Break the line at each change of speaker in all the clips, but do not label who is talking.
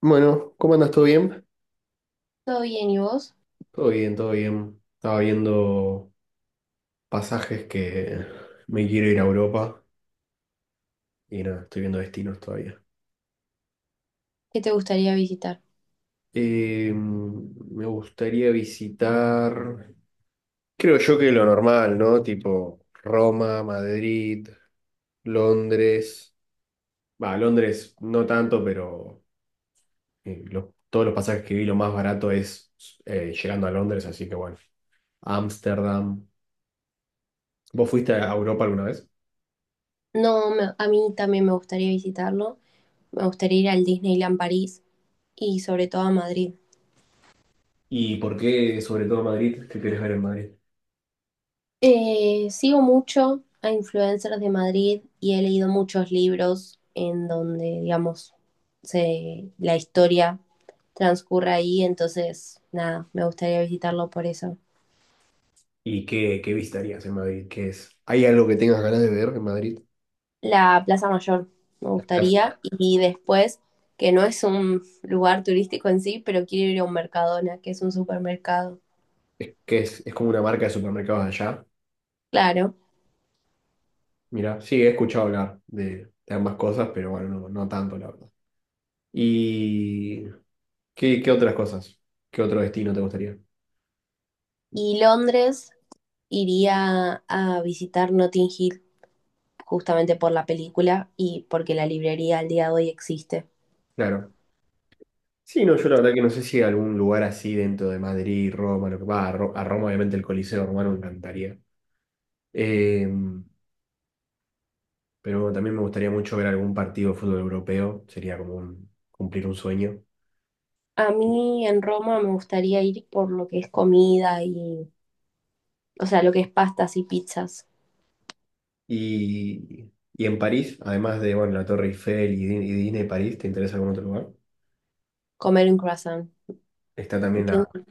Bueno, ¿cómo andas? ¿Todo bien?
Todo bien, ¿y vos?
Todo bien, todo bien. Estaba viendo pasajes que me quiero ir a Europa y nada, estoy viendo destinos todavía.
¿Qué te gustaría visitar?
Me gustaría visitar, creo yo que lo normal, ¿no? Tipo Roma, Madrid, Londres. Va, Londres no tanto, pero todos los pasajes que vi lo más barato es, llegando a Londres, así que bueno. Ámsterdam. ¿Vos fuiste a Europa alguna vez?
No, me- A mí también me gustaría visitarlo. Me gustaría ir al Disneyland París y sobre todo a Madrid.
¿Y por qué, sobre todo Madrid? ¿Qué querés ver en Madrid?
Sigo mucho a influencers de Madrid y he leído muchos libros en donde, digamos, la historia transcurre ahí. Entonces, nada, me gustaría visitarlo por eso.
¿Y qué visitarías en Madrid? ¿Qué es? ¿Hay algo que tengas ganas de ver en Madrid?
La Plaza Mayor me
La plaza.
gustaría y después, que no es un lugar turístico en sí, pero quiero ir a un Mercadona, que es un supermercado.
Es que es como una marca de supermercados allá.
Claro.
Mira, sí, he escuchado hablar de ambas cosas, pero bueno, no, no tanto, la verdad. ¿Y qué otras cosas? ¿Qué otro destino te gustaría?
Y Londres iría a visitar Notting Hill justamente por la película y porque la librería al día de hoy existe.
Claro. Sí, no, yo la verdad que no sé si hay algún lugar así dentro de Madrid, Roma, lo que va, a, a Roma obviamente el Coliseo Romano me encantaría. Em, Pero también me gustaría mucho ver algún partido de fútbol europeo, sería como cumplir un sueño.
A mí en Roma me gustaría ir por lo que es comida y, o sea, lo que es pastas y pizzas.
Y, y en París, además de bueno, la Torre Eiffel y Disney París, ¿te interesa algún otro lugar?
Comer un croissant.
Está también la,
Pienso-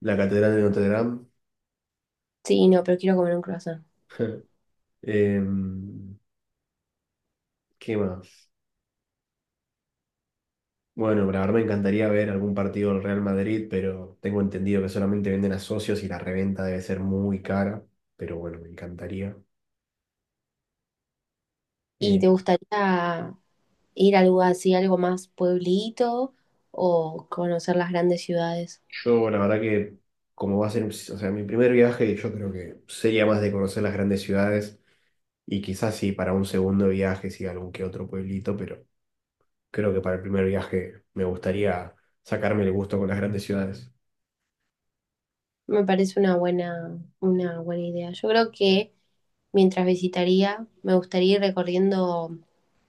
la Catedral de Notre Dame.
Sí, no, pero quiero comer un croissant.
Em, ¿Qué más? Bueno, la verdad me encantaría ver algún partido del Real Madrid, pero tengo entendido que solamente venden a socios y la reventa debe ser muy cara. Pero bueno, me encantaría.
¿Y te gustaría ir a algo así, algo más pueblito o conocer las grandes ciudades?
Yo, la verdad que, como va a ser, o sea, mi primer viaje, yo creo que sería más de conocer las grandes ciudades y quizás sí para un segundo viaje, sí, algún que otro pueblito, pero creo que para el primer viaje me gustaría sacarme el gusto con las grandes ciudades.
Me parece una buena idea. Yo creo que mientras visitaría, me gustaría ir recorriendo,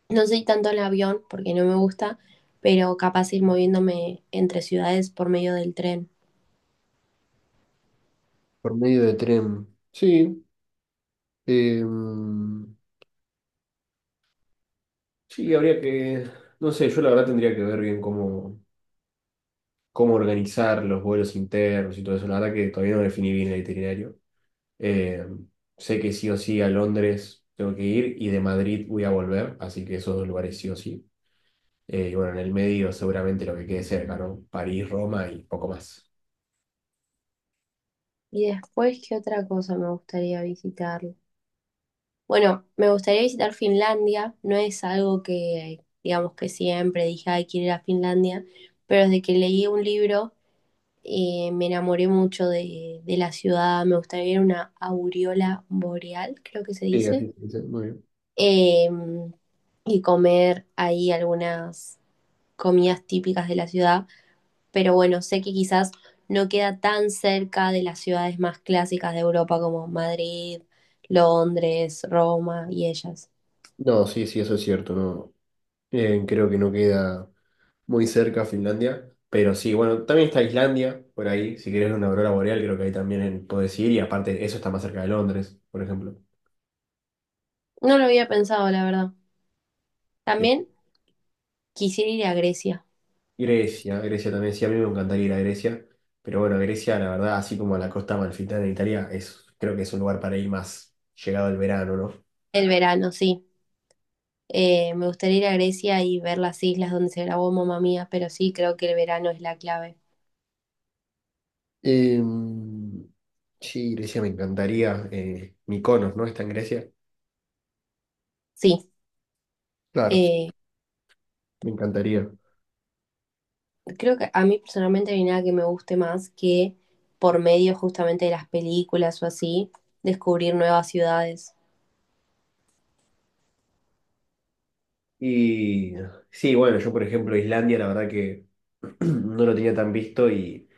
no sé tanto en avión porque no me gusta, pero capaz ir moviéndome entre ciudades por medio del tren.
Por medio de tren. Sí. em, Sí, habría que, no sé, yo la verdad tendría que ver bien cómo, cómo organizar los vuelos internos y todo eso. La verdad que todavía no definí bien el itinerario. Eh, Sé que sí o sí a Londres tengo que ir y de Madrid voy a volver, así que esos dos lugares sí o sí. Y bueno, en el medio seguramente lo que quede cerca, ¿no? París, Roma y poco más.
Y después, ¿qué otra cosa me gustaría visitar? Bueno, me gustaría visitar Finlandia, no es algo que, digamos que siempre dije, ay, quiero ir a Finlandia, pero desde que leí un libro me enamoré mucho de la ciudad, me gustaría ver una aureola boreal, creo que se
Sí,
dice
así se dice, muy bien.
eh, y comer ahí algunas comidas típicas de la ciudad. Pero bueno, sé que quizás no queda tan cerca de las ciudades más clásicas de Europa como Madrid, Londres, Roma y ellas.
No, sí, sí, eso es cierto, no. Creo que no queda muy cerca Finlandia, pero sí, bueno, también está Islandia por ahí, si querés una aurora boreal, creo que ahí también podés ir y aparte eso está más cerca de Londres, por ejemplo.
No lo había pensado, la verdad.
Eh,
También quisiera ir a Grecia
Grecia, Grecia también, sí, a mí me encantaría ir a Grecia, pero bueno, Grecia, la verdad, así como a la costa amalfitana de Italia, es, creo que es un lugar para ir más llegado el verano, ¿no?
el verano, sí. Me gustaría ir a Grecia y ver las islas donde se grabó Mamma Mía, pero sí creo que el verano es la clave.
Em, sí, Grecia me encantaría, Mykonos, ¿no? Está en Grecia.
Sí,
Claro. Sí,
eh,
me encantaría.
creo que a mí personalmente no hay nada que me guste más que por medio justamente de las películas o así, descubrir nuevas ciudades.
Y sí, bueno, yo por ejemplo, Islandia, la verdad que no lo tenía tan visto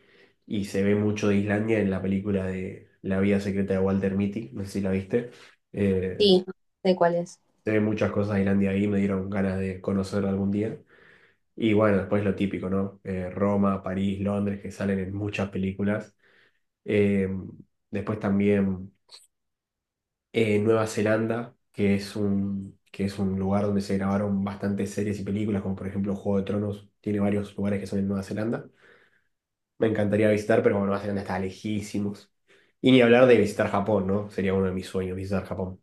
y se ve mucho de Islandia en la película de La vida secreta de Walter Mitty, no sé si la viste. Eh,
Sí, de cuáles.
Sé muchas cosas de Islandia ahí, me dieron ganas de conocer algún día. Y bueno, después lo típico, ¿no? Roma, París, Londres, que salen en muchas películas. Eh, después también Nueva Zelanda, que es que es un lugar donde se grabaron bastantes series y películas, como por ejemplo Juego de Tronos, tiene varios lugares que son en Nueva Zelanda. Me encantaría visitar, pero bueno, Nueva Zelanda está lejísimos. Y ni hablar de visitar Japón, ¿no? Sería uno de mis sueños, visitar Japón.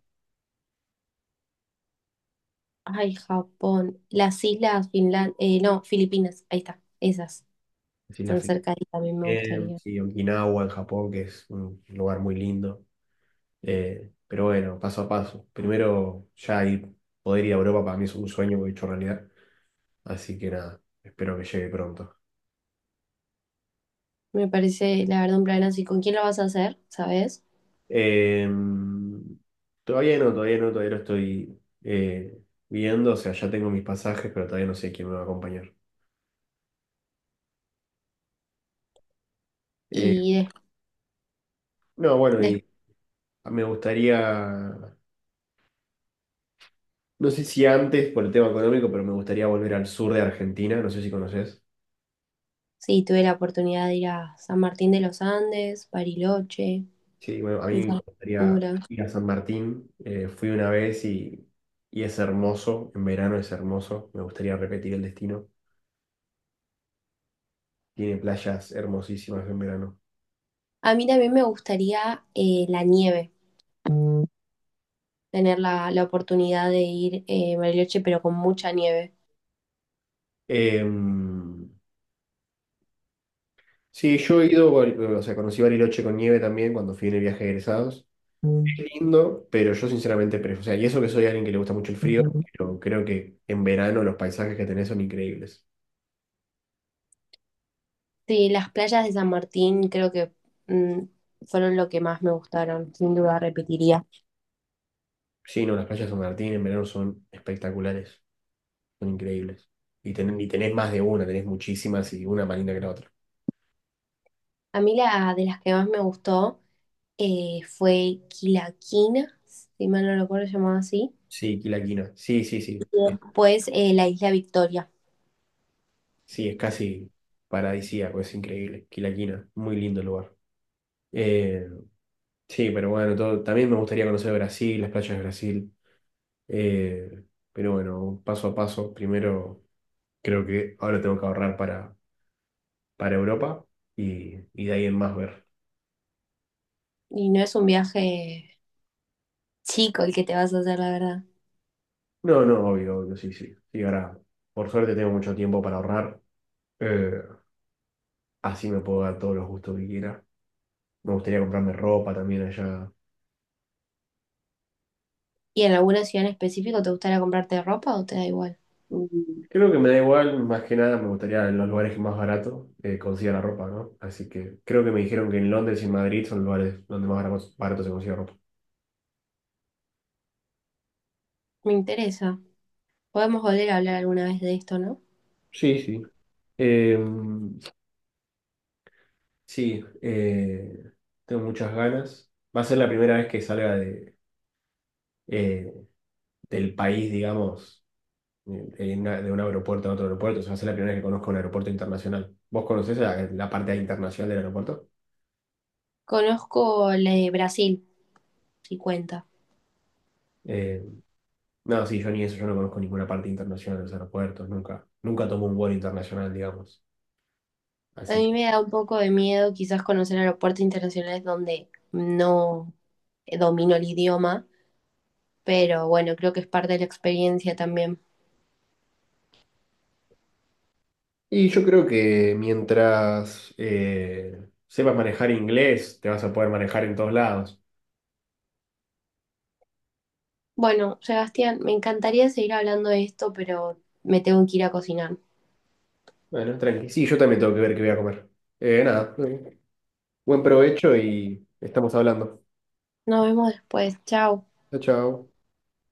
Ay, Japón. Las islas, Finlandia, no, Filipinas, ahí está, esas.
Las Islas
Están
Fiji,
cerca y también me gustaría.
sí, Okinawa en Japón, que es un lugar muy lindo. Pero bueno, paso a paso. Primero, ya ir, poder ir a Europa para mí es un sueño hecho realidad. Así que nada, espero que llegue pronto.
Me parece, la verdad, un plan así. ¿Con quién lo vas a hacer? ¿Sabes?
Eh, Todavía no, todavía no, todavía lo estoy viendo. O sea, ya tengo mis pasajes, pero todavía no sé quién me va a acompañar. Eh,
Y des-
no, bueno,
Después,
y me gustaría, no sé si antes por el tema económico, pero me gustaría volver al sur de Argentina. No sé si conoces.
sí, tuve la oportunidad de ir a San Martín de los Andes, Bariloche,
Sí, bueno, a mí me
Villa
gustaría
Langostura.
ir a San Martín. Fui una vez y es hermoso. En verano es hermoso. Me gustaría repetir el destino. Tiene playas hermosísimas en verano.
A mí también me gustaría la nieve. Tener la oportunidad de ir a Bariloche, pero con mucha nieve.
Em, sí, yo he ido, o sea, conocí Bariloche con nieve también cuando fui en el viaje de egresados.
Mm,
Qué lindo, pero yo sinceramente prefiero, o sea, y eso que soy alguien que le gusta mucho el frío,
ujú.
pero creo que en verano los paisajes que tenés son increíbles.
Sí, las playas de San Martín creo que mm, fueron lo que más me gustaron, sin duda repetiría.
Sí, no, las playas de San Martín en verano son espectaculares. Son increíbles. Y, y tenés más de una, tenés muchísimas y una más linda que la otra.
A mí la de las que más me gustó fue Quilaquina, si mal no recuerdo llamado así,
Sí, Quilaquina. Sí, sí, sí.
pues la isla Victoria.
Sí, es casi paradisíaco, es increíble. Quilaquina, muy lindo el lugar. Eh, sí, pero bueno, todo, también me gustaría conocer Brasil, las playas de Brasil. Eh, pero bueno, paso a paso. Primero, creo que ahora tengo que ahorrar para Europa y de ahí en más ver.
Y no es un viaje chico el que te vas a hacer, la verdad.
No, no, obvio, obvio, sí, sí. Sí, ahora, por suerte tengo mucho tiempo para ahorrar. Eh, Así me puedo dar todos los gustos que quiera. Me gustaría comprarme ropa también allá.
¿Y en alguna ciudad en específico te gustaría comprarte ropa o te da igual?
Mm, creo que me da igual, más que nada me gustaría en los lugares que más barato consiga la ropa, ¿no? Así que creo que me dijeron que en Londres y en Madrid son lugares donde más barato, barato se consigue ropa.
Me interesa. Podemos volver a hablar alguna vez de esto, ¿no?
Sí, sí. Eh, sí, eh, Tengo muchas ganas. Va a ser la primera vez que salga de, eh, del país, digamos, de, de un aeropuerto a otro aeropuerto. O sea, va a ser la primera vez que conozco un aeropuerto internacional. ¿Vos conocés la, la parte internacional del aeropuerto?
Conozco la de Brasil, si cuenta.
Eh, no, sí, yo ni eso, yo no conozco ninguna parte internacional de los aeropuertos, nunca, nunca tomo un vuelo internacional, digamos.
A
Así que.
mí me da un poco de miedo quizás conocer aeropuertos internacionales donde no domino el idioma, pero bueno, creo que es parte de la experiencia también.
Y yo creo que mientras sepas manejar inglés, te vas a poder manejar en todos lados.
Bueno, Sebastián, me encantaría seguir hablando de esto, pero me tengo que ir a cocinar.
Bueno, tranqui. Sí, yo también tengo que ver qué voy a comer. Nada, Buen provecho y estamos hablando.
Nos vemos después. Chao.
Chao, chao.